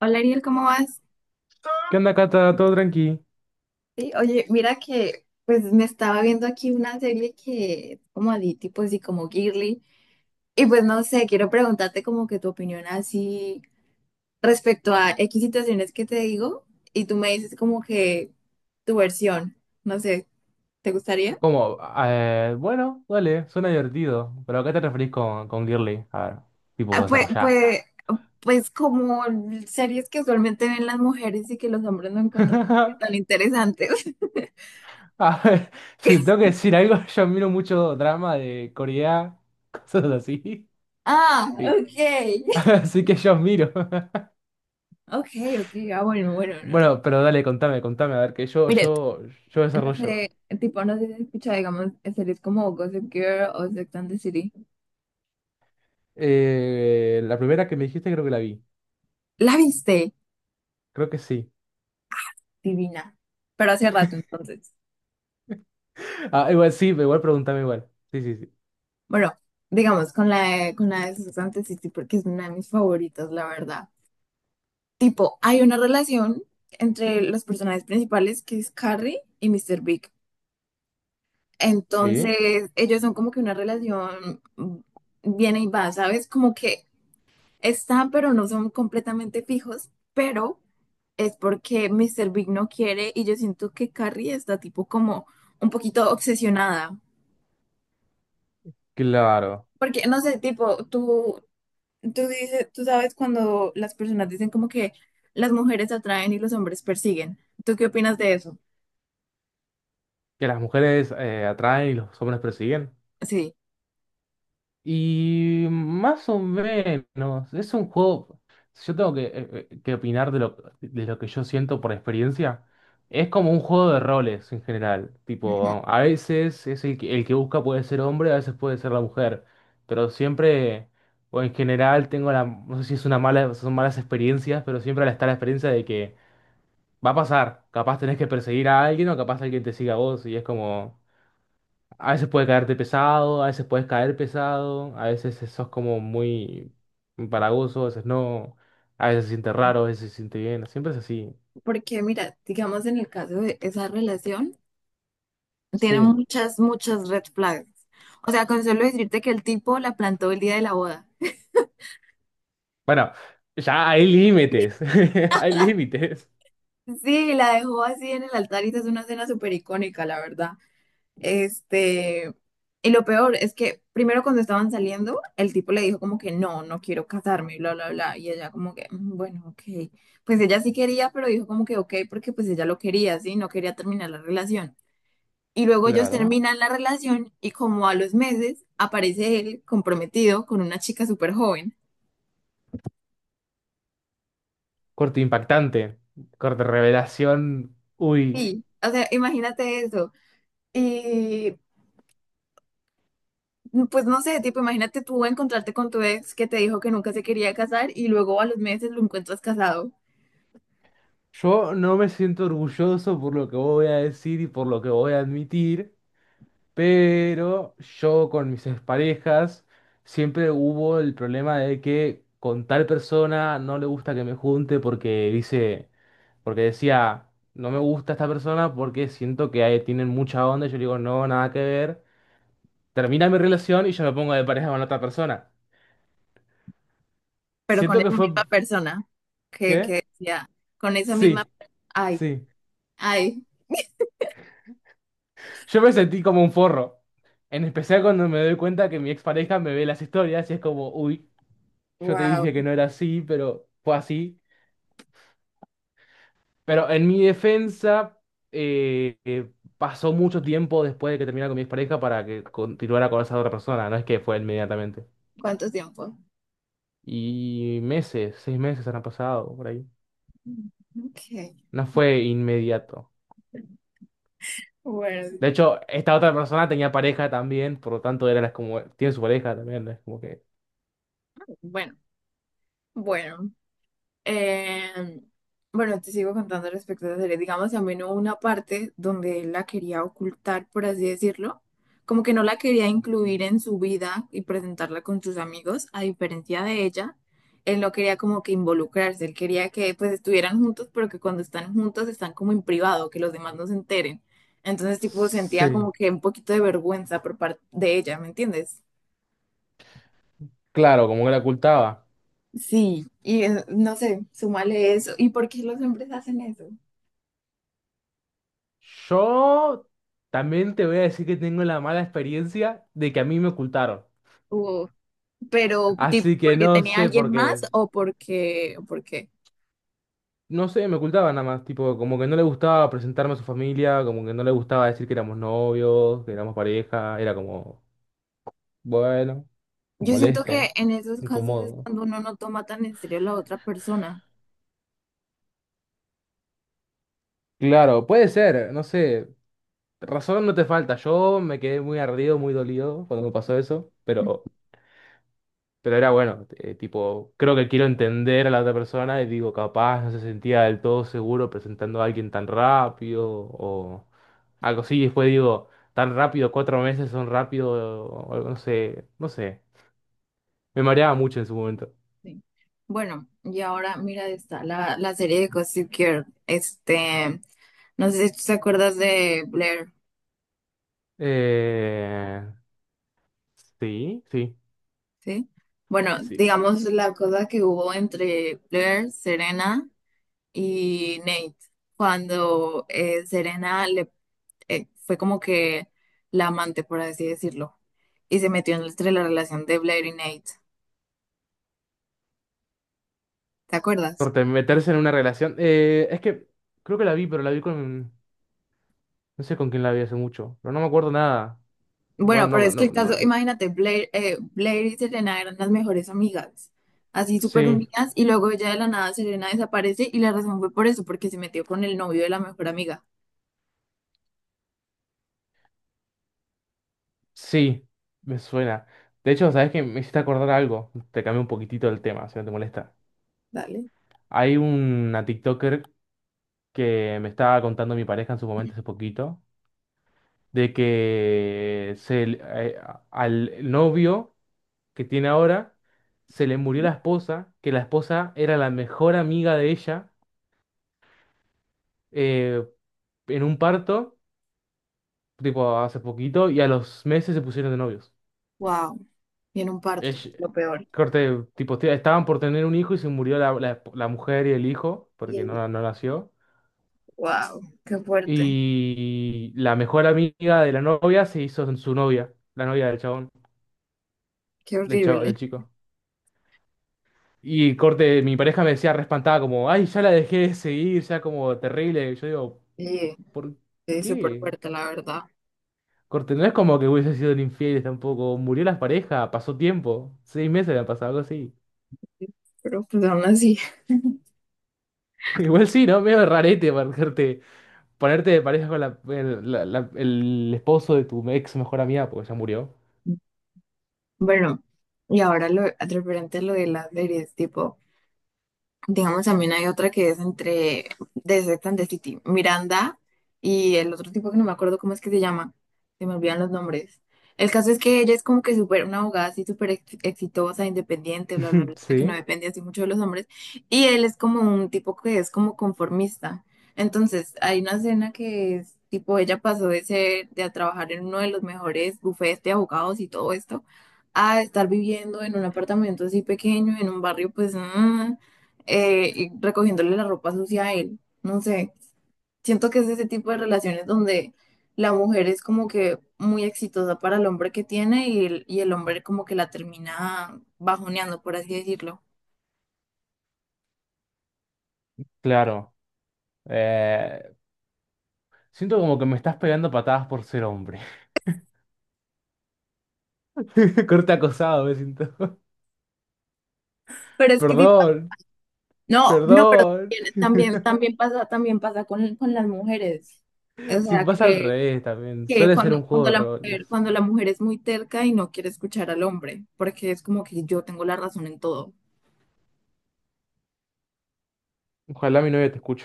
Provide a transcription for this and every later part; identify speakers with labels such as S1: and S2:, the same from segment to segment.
S1: Hola Ariel, ¿cómo vas?
S2: ¿Qué onda, Cata? ¿Todo tranqui?
S1: Sí, oye, mira que pues me estaba viendo aquí una serie que es como de tipo así como girly y pues no sé, quiero preguntarte como que tu opinión así respecto a X situaciones que te digo y tú me dices como que tu versión, no sé, ¿te gustaría?
S2: ¿Cómo? Bueno, Dale, suena divertido. Pero ¿a qué te referís con girly? A ver, tipo,
S1: Ah, Pues,
S2: desarrollá.
S1: pues, pues como series que usualmente ven las mujeres y que los hombres no encuentran como que tan interesantes.
S2: A ver, si tengo que decir algo, yo miro mucho drama de Corea, cosas así.
S1: Ah,
S2: Y-
S1: ok,
S2: así que yo miro.
S1: ok, ok, ah bueno, bueno, no,
S2: Bueno, pero dale, contame, a ver, que yo,
S1: no.
S2: yo, yo
S1: No
S2: desarrollo.
S1: sé, tipo, no sé si has escuchado, digamos, series como Gossip Girl o Sex and the City.
S2: La primera que me dijiste creo que la vi.
S1: ¿La viste?
S2: Creo que sí.
S1: Divina. Pero hace rato, entonces.
S2: Ah, igual sí, igual pregúntame igual. Sí, sí, sí.
S1: Bueno, digamos, con la de Sex and the City, porque es una de mis favoritas, la verdad. Tipo, hay una relación entre los personajes principales, que es Carrie y Mr. Big.
S2: Sí,
S1: Entonces, ellos son como que una relación viene y va, ¿sabes? Como que están, pero no son completamente fijos, pero es porque Mr. Big no quiere y yo siento que Carrie está tipo como un poquito obsesionada.
S2: claro.
S1: Porque, no sé, tipo, tú dices, tú sabes cuando las personas dicen como que las mujeres atraen y los hombres persiguen. ¿Tú qué opinas de eso?
S2: Que las mujeres atraen y los hombres persiguen.
S1: Sí.
S2: Y más o menos, es un juego, si yo tengo que opinar de lo que yo siento por experiencia, es como un juego de roles en general. Tipo,
S1: Ujú.
S2: a veces es el que busca puede ser hombre, a veces puede ser la mujer, pero siempre, o en general, tengo la, no sé si es una mala, son malas experiencias, pero siempre está la experiencia de que va a pasar, capaz tenés que perseguir a alguien o capaz alguien te siga a vos y es como... A veces puede caerte pesado, a veces puedes caer pesado, a veces sos como muy empalagoso, a veces no, a veces se siente
S1: Sí.
S2: raro, a veces se siente bien, siempre es así.
S1: Porque, mira, digamos en el caso de esa relación, tiene
S2: Sí.
S1: muchas, muchas red flags. O sea, con solo decirte que el tipo la plantó el día de la boda.
S2: Bueno, ya hay límites, hay límites.
S1: Sí, la dejó así en el altar y esa es una escena súper icónica, la verdad. Este, y lo peor es que primero cuando estaban saliendo, el tipo le dijo como que no, no quiero casarme, y bla, bla, bla. Y ella como que, "Mm, bueno, ok. Pues ella sí quería, pero dijo como que ok, porque pues ella lo quería, sí, no quería terminar la relación. Y luego ellos
S2: Claro.
S1: terminan la relación y como a los meses aparece él comprometido con una chica súper joven.
S2: Corte impactante, corte revelación. Uy,
S1: Sí, o sea, imagínate eso. Y pues no sé, tipo, imagínate tú encontrarte con tu ex que te dijo que nunca se quería casar y luego a los meses lo encuentras casado,
S2: yo no me siento orgulloso por lo que voy a decir y por lo que voy a admitir. Pero yo con mis exparejas siempre hubo el problema de que con tal persona no le gusta que me junte porque dice, porque decía, no me gusta esta persona porque siento que ahí tienen mucha onda. Y yo le digo, no, nada que ver. Termina mi relación y yo me pongo de pareja con otra persona.
S1: pero con
S2: Siento que
S1: esa
S2: fue,
S1: misma persona que
S2: ¿qué?
S1: decía, con esa misma...
S2: Sí,
S1: Ay,
S2: sí.
S1: ay,
S2: Yo me sentí como un forro. En especial cuando me doy cuenta que mi expareja me ve las historias y es como, uy, yo te
S1: wow,
S2: dije que no era así, pero fue así. Pero en mi defensa, eh, eh, pasó mucho tiempo después de que terminara con mi expareja para que continuara con esa otra persona, no es que fue inmediatamente.
S1: ¿cuánto tiempo?
S2: Y meses, 6 meses han pasado por ahí.
S1: Ok,
S2: No fue inmediato.
S1: bueno,
S2: De hecho, esta otra persona tenía pareja también, por lo tanto era las como, tiene su pareja también, ¿no? Es como que...
S1: bueno, bueno. Eh, bueno, te sigo contando respecto a la serie. Digamos, también hubo una parte donde él la quería ocultar, por así decirlo. Como que no la quería incluir en su vida y presentarla con sus amigos, a diferencia de ella. Él no quería como que involucrarse, él quería que pues estuvieran juntos, pero que cuando están juntos están como en privado, que los demás no se enteren. Entonces, tipo, sentía
S2: Sí,
S1: como que un poquito de vergüenza por parte de ella, ¿me entiendes?
S2: claro, como que la ocultaba.
S1: Sí, y no sé, súmale eso. ¿Y por qué los hombres hacen eso?
S2: Yo también te voy a decir que tengo la mala experiencia de que a mí me ocultaron.
S1: Pero tipo
S2: Así que
S1: porque
S2: no
S1: tenía
S2: sé
S1: alguien
S2: por
S1: más
S2: qué.
S1: o porque
S2: No sé, me ocultaba nada más, tipo, como que no le gustaba presentarme a su familia, como que no le gustaba decir que éramos novios, que éramos pareja, era como, bueno,
S1: yo siento que
S2: molesto,
S1: en esos casos es
S2: incómodo.
S1: cuando uno no toma tan en serio a la otra persona.
S2: Claro, puede ser, no sé, razón no te falta, yo me quedé muy ardido, muy dolido cuando me pasó eso, pero era bueno, tipo, creo que quiero entender a la otra persona y digo, capaz no se sentía del todo seguro presentando a alguien tan rápido o algo así. Y después digo, tan rápido, 4 meses son rápido, o algo, no sé, no sé. Me mareaba mucho en su momento.
S1: Sí. Bueno, y ahora mira, está la serie de Gossip Girl. Este, no sé si tú te acuerdas de Blair,
S2: Eh, sí, sí,
S1: ¿sí? Bueno,
S2: sí.
S1: digamos la cosa que hubo entre Blair, Serena y Nate, cuando Serena le fue como que la amante, por así decirlo, y se metió entre la relación de Blair y Nate. ¿Te acuerdas?
S2: Corte, meterse en una relación. Es que creo que la vi, pero la vi con, no sé con quién la vi hace mucho, pero no me acuerdo nada. No,
S1: Bueno, pero
S2: no,
S1: es que
S2: no,
S1: el caso,
S2: no.
S1: imagínate, Blair, Blair y Serena eran las mejores amigas, así súper
S2: Sí.
S1: unidas, y luego ya de la nada Serena desaparece y la razón fue por eso, porque se metió con el novio de la mejor amiga.
S2: Sí, me suena. De hecho, ¿sabes qué? Me hiciste acordar algo. Te cambié un poquitito el tema, si no te molesta.
S1: Dale.
S2: Hay una TikToker que me estaba contando mi pareja en su momento hace poquito, de que se, le- a- al novio que tiene ahora se le murió la esposa, que la esposa era la mejor amiga de ella eh, en un parto, tipo hace poquito, y a los meses se pusieron de novios.
S1: Wow, y en un parto,
S2: Es,
S1: lo peor.
S2: corte, tipo, te- estaban por tener un hijo y se murió la, la- la mujer y el hijo,
S1: Y
S2: porque
S1: el-
S2: no nació.
S1: Wow, qué fuerte,
S2: Y la mejor amiga de la novia se hizo su novia, la novia del chabón,
S1: qué
S2: del chavo, del
S1: horrible.
S2: chico. Y corte, mi pareja me decía respantada como, ay, ya la dejé de seguir, ya como terrible. Y yo digo,
S1: Sí,
S2: ¿por
S1: sí, súper
S2: qué?
S1: fuerte, la verdad.
S2: Corte, no es como que hubiese sido infieles tampoco. Murió la pareja, pasó tiempo. 6 meses le han pasado, algo así.
S1: Pero pues aún así.
S2: Igual sí, ¿no? Medio rarete, marcarte. Ponerte de pareja con la- el, la- la- el esposo de tu ex mejor amiga, porque ya murió.
S1: Bueno, y ahora lo referente a lo de las series, tipo, digamos, también hay otra que es entre de Sex and the City, Miranda y el otro tipo que no me acuerdo cómo es que se llama, se me olvidan los nombres. El caso es que ella es como que súper, una abogada así súper exitosa, independiente, bla, bla, bla, que no
S2: Sí,
S1: depende así mucho de los hombres. Y él es como un tipo que es como conformista. Entonces, hay una escena que es tipo, ella pasó de ser, de a trabajar en uno de los mejores bufetes de abogados y todo esto, a estar viviendo en un apartamento así pequeño, en un barrio, pues, y recogiéndole la ropa sucia a él. No sé, siento que es ese tipo de relaciones donde la mujer es como que muy exitosa para el hombre que tiene y el hombre como que la termina bajoneando, por así decirlo.
S2: claro. Eh, Siento como que me estás pegando patadas por ser hombre. Corte acosado, me siento.
S1: Pero es que, sí.
S2: Perdón,
S1: No, no, pero
S2: perdón.
S1: también, también pasa, también pasa con las mujeres. O
S2: Si
S1: sea,
S2: pasa al
S1: que,
S2: revés también.
S1: que
S2: Suele ser
S1: cuando,
S2: un juego
S1: cuando
S2: de
S1: la
S2: roles.
S1: mujer, cuando la mujer es muy terca y no quiere escuchar al hombre, porque es como que yo tengo la razón en todo.
S2: Ojalá mi novia te escuche.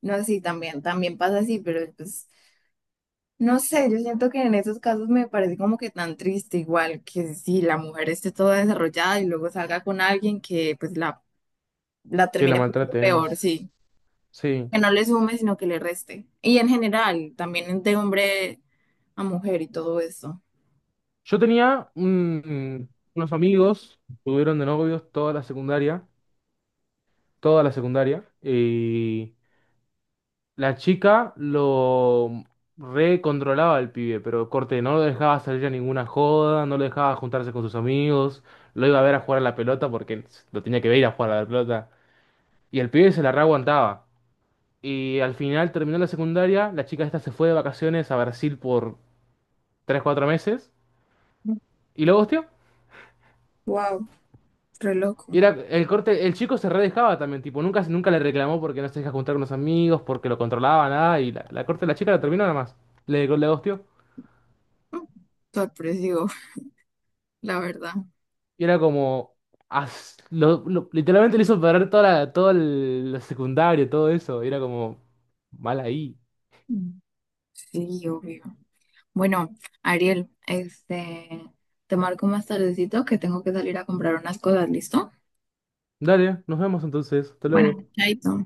S1: No, sí, también pasa así, pero pues no sé, yo siento que en esos casos me parece como que tan triste, igual que si la mujer esté toda desarrollada y luego salga con alguien que pues la
S2: Que la
S1: termine poniendo peor,
S2: maltrates.
S1: sí,
S2: Sí.
S1: que no le sume, sino que le reste. Y en general, también de hombre a mujer y todo eso.
S2: Yo tenía un- unos amigos, estuvieron de novios toda la secundaria. Toda la secundaria. Y. La chica lo recontrolaba al pibe, pero corte, no lo dejaba salir a ninguna joda, no lo dejaba juntarse con sus amigos, lo iba a ver a jugar a la pelota porque lo tenía que ver ir a jugar a la pelota. Y el pibe se la reaguantaba. Y al final terminó la secundaria, la chica esta se fue de vacaciones a Brasil por 3 o 4 meses y lo hostió.
S1: Wow, re loco.
S2: Y era el corte, el chico se redejaba también, tipo, nunca le reclamó porque no se deja juntar con los amigos, porque lo controlaba, nada, y la corte, la chica la terminó nada más. Le ghosteó.
S1: Mm, sorpresivo, la verdad.
S2: Y era como. As- lo- literalmente le hizo perder toda la, todo el, la secundaria, todo eso. Y era como. Mal ahí.
S1: Mm. Sí, obvio. Bueno, Ariel, te marco más tardecito que tengo que salir a comprar unas cosas, ¿listo?
S2: Dale, nos vemos entonces. Hasta
S1: Bueno,
S2: luego.
S1: chaito.